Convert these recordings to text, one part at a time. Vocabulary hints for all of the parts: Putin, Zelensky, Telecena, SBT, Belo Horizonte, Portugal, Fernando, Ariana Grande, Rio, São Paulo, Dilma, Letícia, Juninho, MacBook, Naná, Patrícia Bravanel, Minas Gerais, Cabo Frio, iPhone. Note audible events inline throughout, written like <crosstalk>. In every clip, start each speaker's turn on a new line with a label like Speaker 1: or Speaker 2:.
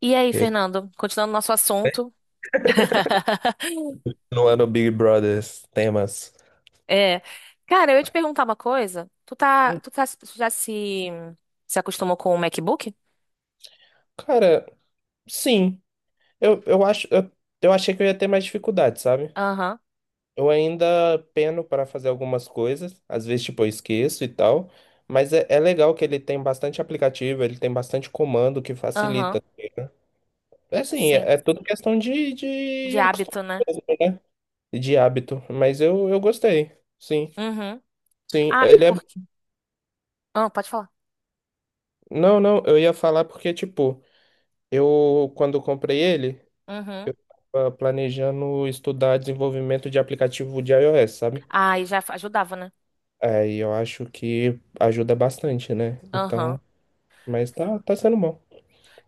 Speaker 1: E aí,
Speaker 2: E aí,
Speaker 1: Fernando, continuando nosso assunto. <laughs>
Speaker 2: continuando o Big Brothers temas.
Speaker 1: É, cara, eu ia te perguntar uma coisa. Tu já se acostumou com o MacBook?
Speaker 2: Cara, sim. Eu acho, eu achei que eu ia ter mais dificuldade, sabe?
Speaker 1: Aham,
Speaker 2: Eu ainda peno para fazer algumas coisas, às vezes, tipo, eu esqueço e tal. Mas é legal que ele tem bastante aplicativo, ele tem bastante comando que
Speaker 1: aham,
Speaker 2: facilita. É assim,
Speaker 1: sim.
Speaker 2: é tudo questão de,
Speaker 1: De
Speaker 2: de
Speaker 1: hábito,
Speaker 2: acostumar
Speaker 1: né?
Speaker 2: mesmo, né? E de hábito. Mas eu gostei. Sim,
Speaker 1: Uhum.
Speaker 2: sim.
Speaker 1: Ah,
Speaker 2: Ele é.
Speaker 1: porque. Ah, pode falar.
Speaker 2: Não, não, eu ia falar porque, tipo, eu quando comprei ele,
Speaker 1: Uhum.
Speaker 2: tava planejando estudar desenvolvimento de aplicativo de iOS, sabe?
Speaker 1: Ah, e já ajudava, né?
Speaker 2: Aí eu acho que ajuda bastante, né?
Speaker 1: Aham.
Speaker 2: Então, mas tá sendo bom.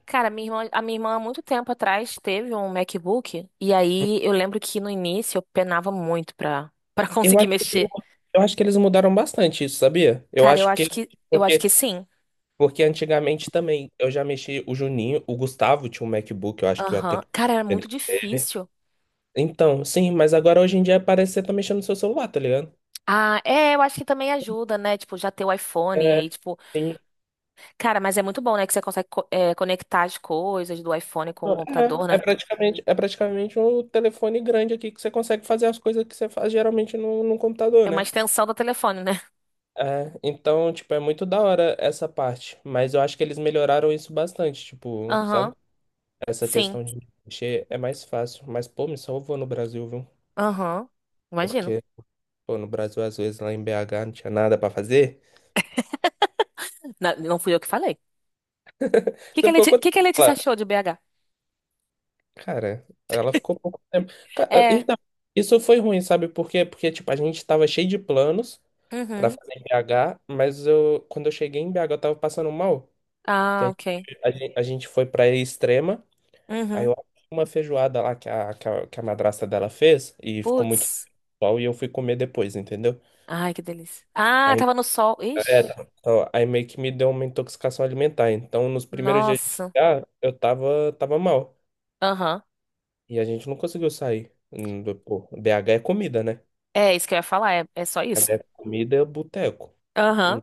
Speaker 1: Cara, a minha irmã há muito tempo atrás teve um MacBook. E aí eu lembro que no início eu penava muito pra <laughs>
Speaker 2: Eu
Speaker 1: conseguir
Speaker 2: acho que,
Speaker 1: mexer.
Speaker 2: eu acho que eles mudaram bastante isso, sabia? Eu
Speaker 1: Cara, eu
Speaker 2: acho que
Speaker 1: acho que, eu acho
Speaker 2: porque,
Speaker 1: que sim.
Speaker 2: porque antigamente também eu já mexi o Juninho, o Gustavo tinha um MacBook, eu acho que eu até.
Speaker 1: Aham. Cara, era muito difícil.
Speaker 2: Então, sim, mas agora hoje em dia parece que você tá mexendo no seu celular, tá ligado?
Speaker 1: Ah, é, eu acho que também ajuda, né? Tipo, já ter o iPhone, e
Speaker 2: É,
Speaker 1: aí, tipo,
Speaker 2: sim.
Speaker 1: cara, mas é muito bom, né? Que você consegue conectar as coisas do iPhone com o computador,
Speaker 2: É, é
Speaker 1: né?
Speaker 2: praticamente, é praticamente um telefone grande aqui que você consegue fazer as coisas que você faz geralmente no computador,
Speaker 1: É uma
Speaker 2: né?
Speaker 1: extensão do telefone, né?
Speaker 2: É, então, tipo, é muito da hora essa parte, mas eu acho que eles melhoraram isso bastante, tipo, sabe?
Speaker 1: Aham,
Speaker 2: Essa
Speaker 1: sim,
Speaker 2: questão de mexer é mais fácil, mas, pô, me salvou no Brasil, viu?
Speaker 1: aham, imagino.
Speaker 2: Porque, pô, no Brasil, às vezes, lá em BH não tinha nada pra fazer.
Speaker 1: Não, fui eu que falei. O que
Speaker 2: Você
Speaker 1: que a
Speaker 2: ficou
Speaker 1: Leti-
Speaker 2: quanto
Speaker 1: que que a
Speaker 2: tempo
Speaker 1: Letícia
Speaker 2: lá?
Speaker 1: achou de BH?
Speaker 2: Cara, ela ficou pouco tempo.
Speaker 1: É,
Speaker 2: Então, isso foi ruim, sabe por quê? Porque, tipo, a gente tava cheio de planos, pra
Speaker 1: uhum,
Speaker 2: fazer em BH, mas eu, quando eu cheguei em BH, eu tava passando mal. Que a,
Speaker 1: ah, ok,
Speaker 2: gente, a gente foi pra Extrema, aí eu
Speaker 1: uhum,
Speaker 2: achei uma feijoada lá que a madrasta dela fez, e ficou muito
Speaker 1: putz,
Speaker 2: bom, e eu fui comer depois, entendeu?
Speaker 1: ai, que delícia. Ah,
Speaker 2: Aí,
Speaker 1: tava no sol,
Speaker 2: é,
Speaker 1: ixi,
Speaker 2: tá, ó, aí meio que me deu uma intoxicação alimentar. Então, nos primeiros dias de
Speaker 1: nossa,
Speaker 2: BH, eu tava mal.
Speaker 1: aham.
Speaker 2: E a gente não conseguiu sair. Pô, BH é comida, né?
Speaker 1: É isso que eu ia falar, é só isso.
Speaker 2: BH é comida, é boteco.
Speaker 1: Aham,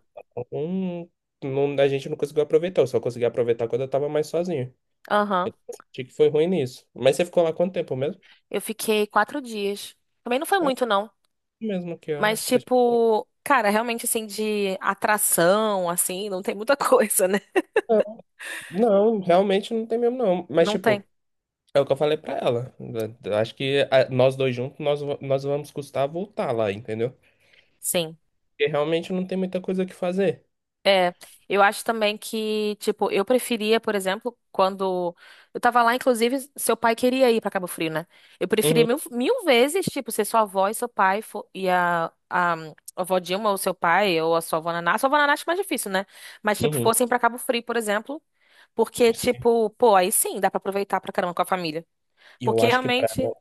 Speaker 2: Hum, a gente não conseguiu aproveitar, eu só consegui aproveitar quando eu tava mais sozinho.
Speaker 1: aham.
Speaker 2: Achei que foi ruim nisso. Mas você ficou lá quanto tempo mesmo?
Speaker 1: Eu fiquei 4 dias. Também não foi
Speaker 2: É
Speaker 1: muito, não.
Speaker 2: mesmo que ela.
Speaker 1: Mas, tipo, cara, realmente, assim, de atração, assim, não tem muita <laughs> coisa, né?
Speaker 2: Ah, não, realmente não tem mesmo, não. Mas
Speaker 1: Não tem.
Speaker 2: tipo, é o que eu falei pra ela. Eu acho que nós dois juntos, nós vamos custar voltar lá, entendeu?
Speaker 1: Sim.
Speaker 2: Porque realmente não tem muita coisa que fazer.
Speaker 1: É, eu acho também que, tipo, eu preferia, por exemplo, quando eu tava lá, inclusive, seu pai queria ir pra Cabo Frio, né? Eu preferia
Speaker 2: Uhum,
Speaker 1: mil, mil vezes, tipo, ser sua avó e seu pai e a avó Dilma ou seu pai ou a sua avó Naná. A sua avó Naná acho mais difícil, né? Mas, tipo,
Speaker 2: uhum.
Speaker 1: fossem pra Cabo Frio, por exemplo, porque, tipo, pô, aí sim dá pra aproveitar pra caramba com a família.
Speaker 2: E eu
Speaker 1: Porque
Speaker 2: acho que pra,
Speaker 1: realmente.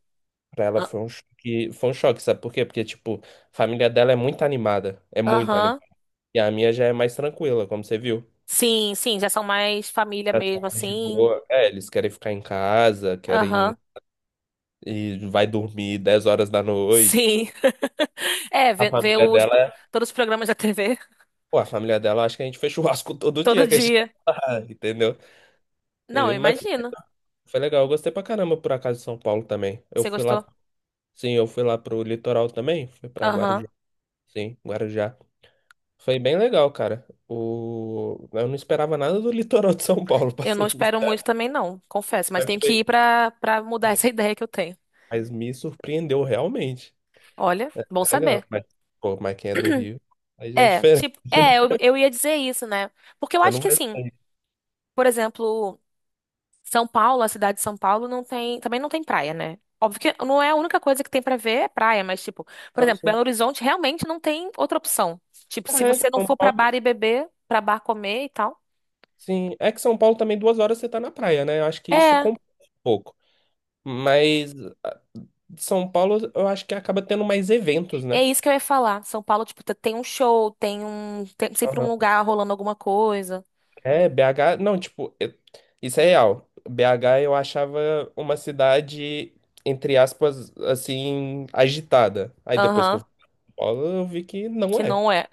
Speaker 2: pra ela
Speaker 1: Ah,
Speaker 2: foi um choque, sabe por quê? Porque, tipo, a família dela é muito animada, é muito animada.
Speaker 1: aham.
Speaker 2: E a minha já é mais tranquila, como você viu.
Speaker 1: Sim, sim, já são mais família
Speaker 2: Tá sendo
Speaker 1: mesmo,
Speaker 2: mais de
Speaker 1: assim.
Speaker 2: boa. É, eles querem ficar em casa, querem
Speaker 1: Aham.
Speaker 2: e vai dormir 22 horas.
Speaker 1: Sim. <laughs> É,
Speaker 2: A
Speaker 1: ver, ver
Speaker 2: família
Speaker 1: os,
Speaker 2: dela
Speaker 1: pro-
Speaker 2: é.
Speaker 1: todos os programas da TV,
Speaker 2: Pô, a família dela, acho que a gente fez <laughs> churrasco
Speaker 1: <laughs>
Speaker 2: todo
Speaker 1: todo
Speaker 2: dia que a gente
Speaker 1: dia.
Speaker 2: tava lá, <laughs> entendeu?
Speaker 1: Não, eu
Speaker 2: Mas foi
Speaker 1: imagino.
Speaker 2: foi legal, eu gostei pra caramba por acaso de São Paulo também. Eu
Speaker 1: Você
Speaker 2: fui lá,
Speaker 1: gostou?
Speaker 2: sim, eu fui lá pro litoral também, fui pra
Speaker 1: Aham.
Speaker 2: Guarujá, sim, Guarujá. Foi bem legal, cara. Eu não esperava nada do <laughs> litoral de São Paulo, <laughs> pra
Speaker 1: Eu não
Speaker 2: ser
Speaker 1: espero
Speaker 2: sincero,
Speaker 1: muito também, não, confesso. Mas
Speaker 2: mas
Speaker 1: tenho que
Speaker 2: foi-
Speaker 1: ir pra mudar essa <laughs> ideia que eu tenho.
Speaker 2: mas me surpreendeu realmente.
Speaker 1: Olha, bom
Speaker 2: Legal,
Speaker 1: saber.
Speaker 2: mas, pô, mas quem é do Rio, aí já é
Speaker 1: É,
Speaker 2: diferente,
Speaker 1: tipo, é,
Speaker 2: <laughs>
Speaker 1: eu,
Speaker 2: né?
Speaker 1: eu ia dizer isso, né? Porque eu
Speaker 2: Você
Speaker 1: acho
Speaker 2: não
Speaker 1: que
Speaker 2: vai
Speaker 1: assim,
Speaker 2: sair.
Speaker 1: por exemplo. São Paulo, a cidade de São Paulo, também não tem praia, né? Óbvio que não é a única coisa que tem pra ver é praia, mas, tipo, por
Speaker 2: Então,
Speaker 1: exemplo,
Speaker 2: assim,
Speaker 1: Belo Horizonte realmente não tem outra opção. Tipo, se
Speaker 2: é, de
Speaker 1: você não
Speaker 2: São
Speaker 1: for pra bar
Speaker 2: Paulo.
Speaker 1: e beber, pra bar comer e tal.
Speaker 2: Sim, é que São Paulo também 2 horas você tá na praia, né? Eu acho que isso
Speaker 1: É,
Speaker 2: compensa um pouco. Mas ah, São Paulo, eu acho que acaba tendo mais eventos,
Speaker 1: é
Speaker 2: né?
Speaker 1: isso que eu ia falar. São Paulo, tipo, tem um show, tem sempre um
Speaker 2: Aham.
Speaker 1: lugar rolando alguma coisa.
Speaker 2: É, BH, não, tipo, isso é real. BH eu achava uma cidade, entre aspas, assim, agitada. Aí depois que eu
Speaker 1: Aham,
Speaker 2: fui pra São Paulo, eu vi que não
Speaker 1: que
Speaker 2: é.
Speaker 1: não é,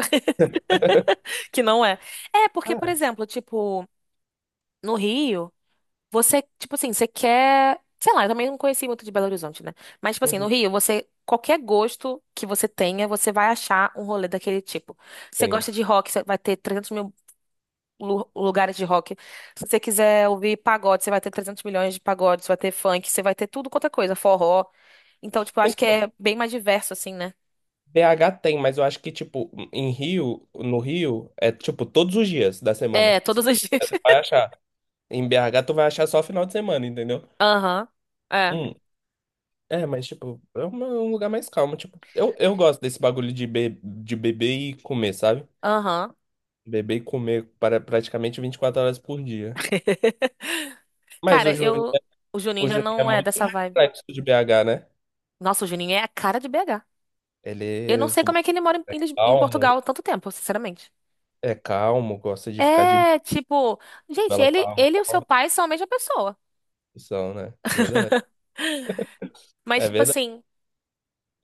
Speaker 1: <laughs> que não é. É, porque, por
Speaker 2: Ah,
Speaker 1: exemplo, tipo, no Rio. Você, tipo assim, você quer. Sei lá, eu também não conheci muito de Belo Horizonte, né? Mas, tipo assim, no
Speaker 2: uhum,
Speaker 1: Rio, você. Qualquer gosto que você tenha, você vai achar um rolê daquele tipo. Você
Speaker 2: sim.
Speaker 1: gosta de rock, você vai ter 300 mil lugares de rock. Se você quiser ouvir pagode, você vai ter 300 milhões de pagodes, você vai ter funk, você vai ter tudo quanto é coisa, forró. Então, tipo, eu acho que é bem mais diverso, assim, né?
Speaker 2: BH tem, mas eu acho que, tipo, no Rio, é tipo todos os dias da semana.
Speaker 1: É,
Speaker 2: Você
Speaker 1: todos os dias.
Speaker 2: vai achar. Em BH, tu vai achar só final de semana, entendeu?
Speaker 1: <laughs> Aham. É.
Speaker 2: Hum, É, mas, tipo, é um lugar mais calmo. Tipo, eu gosto desse bagulho de beber e comer, sabe?
Speaker 1: Aham.
Speaker 2: Beber e comer para praticamente 24 horas por dia.
Speaker 1: <laughs>
Speaker 2: Mas o
Speaker 1: Cara,
Speaker 2: Juninho,
Speaker 1: eu. O Juninho
Speaker 2: o
Speaker 1: já
Speaker 2: Juninho é
Speaker 1: não é
Speaker 2: muito
Speaker 1: dessa vibe.
Speaker 2: reflexo de BH, né?
Speaker 1: Nossa, o Juninho é a cara de BH.
Speaker 2: Ele
Speaker 1: Eu não
Speaker 2: é
Speaker 1: sei como é que ele mora em
Speaker 2: calmo,
Speaker 1: Portugal tanto tempo, sinceramente.
Speaker 2: é calmo, gosta de ficar de
Speaker 1: É, tipo, gente,
Speaker 2: bela com
Speaker 1: ele,
Speaker 2: a
Speaker 1: ele e o seu pai são a mesma pessoa.
Speaker 2: são, né? É verdade.
Speaker 1: <laughs> Mas,
Speaker 2: É
Speaker 1: tipo
Speaker 2: verdade,
Speaker 1: assim,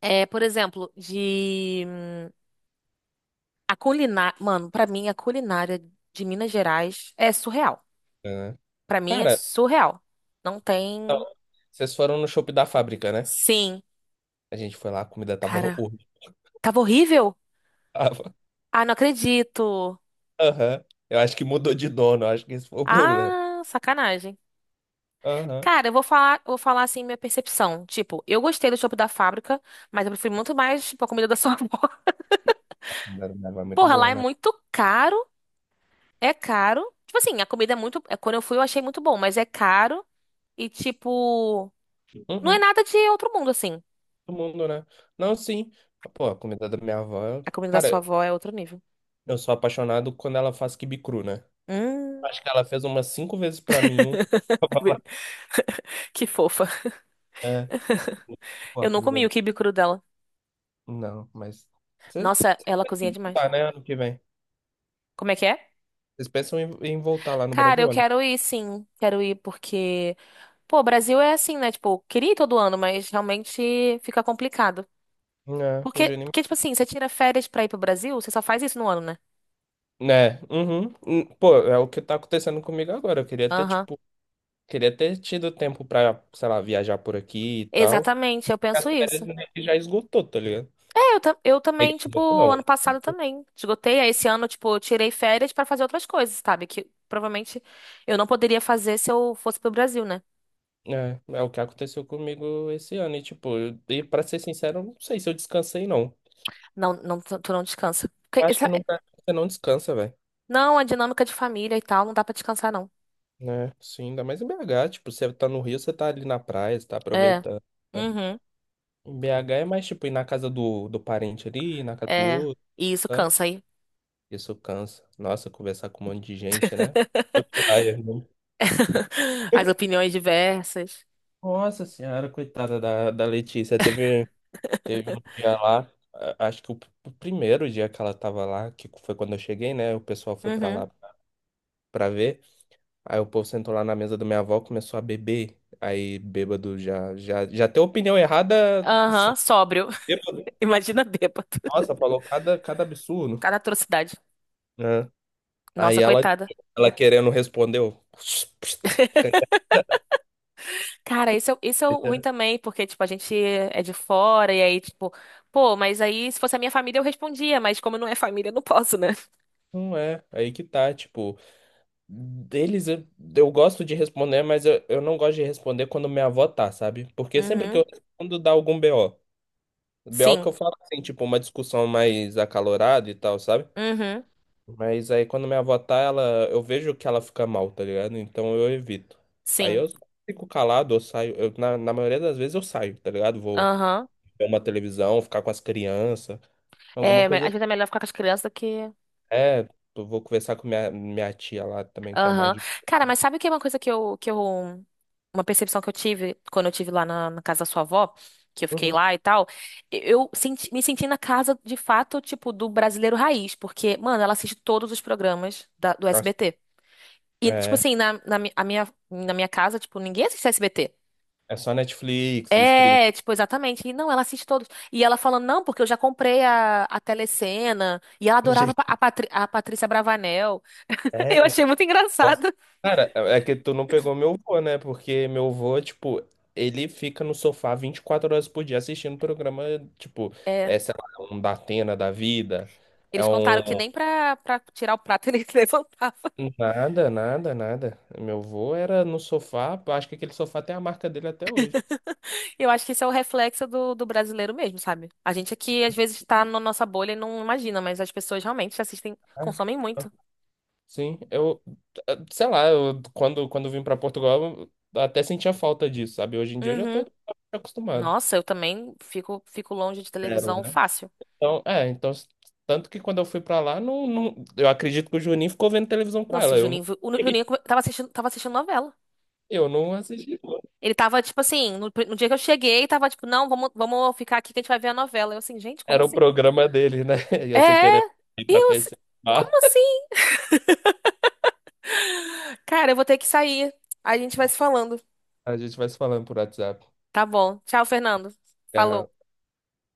Speaker 1: por exemplo, de. A culinária. Mano, pra mim, a culinária de Minas Gerais é surreal.
Speaker 2: né?
Speaker 1: Pra mim, é
Speaker 2: Cara,
Speaker 1: surreal. Não
Speaker 2: não,
Speaker 1: tem.
Speaker 2: vocês foram no shopping da fábrica, né?
Speaker 1: Sim.
Speaker 2: A gente foi lá, a comida tava <laughs>
Speaker 1: Cara,
Speaker 2: horrível.
Speaker 1: tava horrível?
Speaker 2: Tava.
Speaker 1: Ah, não acredito.
Speaker 2: Aham. Eu acho que mudou de dono, eu acho que esse foi o problema.
Speaker 1: Ah, sacanagem.
Speaker 2: Aham.
Speaker 1: Cara, eu vou falar, assim minha percepção. Tipo, eu gostei do chopp da fábrica, mas eu prefiro muito mais, tipo, a comida da sua <laughs> avó.
Speaker 2: A comida da minha avó é muito
Speaker 1: Porra, lá
Speaker 2: boa,
Speaker 1: é
Speaker 2: né?
Speaker 1: muito caro. É caro. Tipo assim, a comida é muito. Quando eu fui, eu achei muito bom, mas é caro. E, tipo, não é
Speaker 2: Uhum.
Speaker 1: nada de outro mundo, assim.
Speaker 2: Todo mundo, né? Não, sim. Pô, a comida da minha avó.
Speaker 1: A comida da sua
Speaker 2: Cara,
Speaker 1: avó é outro nível.
Speaker 2: eu sou apaixonado quando ela faz quibe cru, né?
Speaker 1: Hum.
Speaker 2: Acho que ela fez umas cinco vezes pra mim.
Speaker 1: <laughs>
Speaker 2: <laughs>
Speaker 1: Que fofa.
Speaker 2: É. Pô,
Speaker 1: Eu
Speaker 2: a
Speaker 1: não
Speaker 2: comida
Speaker 1: comi o
Speaker 2: da.
Speaker 1: quibe cru dela.
Speaker 2: Não, mas. Vocês
Speaker 1: Nossa, ela
Speaker 2: vocês
Speaker 1: cozinha
Speaker 2: têm que
Speaker 1: demais.
Speaker 2: voltar, né? Ano que vem.
Speaker 1: Como é que é?
Speaker 2: Vocês pensam em voltar lá no
Speaker 1: Cara, eu
Speaker 2: Brasil, né?
Speaker 1: quero ir, sim. Quero ir porque. Pô, o Brasil é assim, né? Tipo, queria ir todo ano, mas realmente fica complicado.
Speaker 2: É, o
Speaker 1: Porque,
Speaker 2: Juninho.
Speaker 1: porque, tipo assim, você tira férias pra ir pro Brasil, você só faz isso no ano, né?
Speaker 2: Né? Uhum. Pô, é o que tá acontecendo comigo agora. Eu queria ter,
Speaker 1: Aham.
Speaker 2: tipo, queria ter tido tempo pra, sei lá, viajar por aqui e tal.
Speaker 1: Exatamente, eu
Speaker 2: As
Speaker 1: penso
Speaker 2: férias
Speaker 1: isso.
Speaker 2: meio que já esgotou, tá ligado?
Speaker 1: É, eu
Speaker 2: Meio
Speaker 1: também,
Speaker 2: que
Speaker 1: tipo,
Speaker 2: esgotou, não.
Speaker 1: ano passado também. Esgotei, aí esse ano, tipo, eu tirei férias pra fazer outras coisas, sabe? Que provavelmente eu não poderia fazer se eu fosse pro Brasil, né?
Speaker 2: É o que aconteceu comigo esse ano. E, tipo, e pra ser sincero, eu não sei se eu descansei, não.
Speaker 1: Não, não, tu não descansa. Porque
Speaker 2: Eu acho que no Brasil você não descansa, velho.
Speaker 1: não, a dinâmica de família e tal, não dá pra descansar, não.
Speaker 2: Né? Sim, ainda mais em BH. Tipo, você tá no Rio, você tá ali na praia, você tá
Speaker 1: É.
Speaker 2: aproveitando. Tá?
Speaker 1: Uhum.
Speaker 2: Em BH é mais, tipo, ir na casa do parente ali, ir na casa do
Speaker 1: É.
Speaker 2: outro.
Speaker 1: E isso cansa aí.
Speaker 2: Isso cansa. Nossa, conversar com um monte de gente, né? Outro layer, né?
Speaker 1: <laughs> As opiniões diversas.
Speaker 2: Nossa senhora, coitada da Letícia. Teve um dia lá, acho que o primeiro dia que ela tava lá, que foi quando eu cheguei, né? O pessoal foi pra
Speaker 1: Uhum.
Speaker 2: lá pra ver. Aí o povo sentou lá na mesa da minha avó, começou a beber. Aí bêbado já tem opinião errada.
Speaker 1: Aham, sóbrio.
Speaker 2: Bêbado.
Speaker 1: <laughs> Imagina bêbado.
Speaker 2: Nossa, falou cada absurdo,
Speaker 1: Cada atrocidade.
Speaker 2: né?
Speaker 1: Nossa,
Speaker 2: Aí ela,
Speaker 1: coitada.
Speaker 2: ela querendo respondeu. <laughs>
Speaker 1: <laughs> Cara, isso é ruim também, porque, tipo, a gente é de fora, e aí, tipo, pô, mas aí se fosse a minha família eu respondia, mas como não é família, eu não posso, né?
Speaker 2: Não é, aí que tá, tipo. Deles eu gosto de responder, mas eu não gosto de responder quando minha avó tá, sabe? Porque sempre que
Speaker 1: Uhum.
Speaker 2: eu respondo dá algum BO. BO que
Speaker 1: Sim.
Speaker 2: eu falo assim, tipo, uma discussão mais acalorada e tal, sabe?
Speaker 1: Uhum.
Speaker 2: Mas aí quando minha avó tá, eu vejo que ela fica mal, tá ligado? Então eu evito. Aí
Speaker 1: Sim.
Speaker 2: eu fico calado, eu saio. Na maioria das vezes eu saio, tá ligado? Vou
Speaker 1: Aham.
Speaker 2: ver uma televisão, ficar com as crianças, alguma
Speaker 1: É, às
Speaker 2: coisa assim.
Speaker 1: vezes é melhor ficar com as crianças do que.
Speaker 2: É, eu vou conversar com minha, minha tia lá também, que é mais
Speaker 1: Aham.
Speaker 2: de.
Speaker 1: Cara, mas sabe o que é uma coisa que eu. Uma percepção que eu tive quando eu tive lá na casa da sua avó, que eu fiquei
Speaker 2: Uhum.
Speaker 1: lá e tal. Me senti na casa, de fato, tipo, do brasileiro raiz, porque, mano, ela assiste todos os programas do
Speaker 2: Nossa.
Speaker 1: SBT. E, tipo
Speaker 2: É.
Speaker 1: assim, na minha casa, tipo, ninguém assiste SBT.
Speaker 2: É só Netflix, stream.
Speaker 1: É, tipo, exatamente. E não, ela assiste todos. E ela falando, não, porque eu já comprei a Telecena. E ela adorava a,
Speaker 2: Gente,
Speaker 1: Patri- a Patrícia Bravanel. <laughs> Eu
Speaker 2: é,
Speaker 1: achei muito
Speaker 2: nossa.
Speaker 1: engraçado.
Speaker 2: Cara, é que tu não pegou meu vô, né? Porque meu vô, tipo, ele fica no sofá 24 horas por dia assistindo programa, tipo,
Speaker 1: É.
Speaker 2: é, sei lá, é um Datena da vida. É
Speaker 1: Eles contaram que
Speaker 2: um.
Speaker 1: nem pra tirar o prato <laughs> eles levantavam.
Speaker 2: Nada, nada, nada. Meu vô era no sofá, eu acho que aquele sofá tem a marca dele até hoje.
Speaker 1: Eu acho que isso é o reflexo do brasileiro mesmo, sabe? A gente aqui, às vezes, tá na nossa bolha e não imagina, mas as pessoas realmente assistem,
Speaker 2: Sabe?
Speaker 1: consomem muito.
Speaker 2: Sim, sei lá, quando eu vim pra Portugal, eu até sentia falta disso, sabe? Hoje em dia eu já
Speaker 1: Uhum.
Speaker 2: tô acostumado.
Speaker 1: Nossa, eu também fico longe de
Speaker 2: Zero,
Speaker 1: televisão
Speaker 2: né?
Speaker 1: fácil.
Speaker 2: Então, é, então, tanto que quando eu fui pra lá, não, não, eu acredito que o Juninho ficou vendo televisão com
Speaker 1: Nossa, o
Speaker 2: ela. Eu não,
Speaker 1: Juninho, o Juninho
Speaker 2: <laughs>
Speaker 1: tava assistindo novela.
Speaker 2: eu não assisti, não.
Speaker 1: Ele tava, tipo assim, no dia que eu cheguei, tava tipo, não, vamos ficar aqui que a gente vai ver a novela. Eu assim, gente, como
Speaker 2: Era o
Speaker 1: assim?
Speaker 2: programa dele, né? <laughs> E você querendo
Speaker 1: É,
Speaker 2: ir pra
Speaker 1: eu, assim,
Speaker 2: conhecer. Ah,
Speaker 1: como assim? Cara, eu vou ter que sair. A gente vai se falando.
Speaker 2: a gente vai se falando por WhatsApp.
Speaker 1: Tá bom. Tchau, Fernando. Falou.
Speaker 2: Tchau.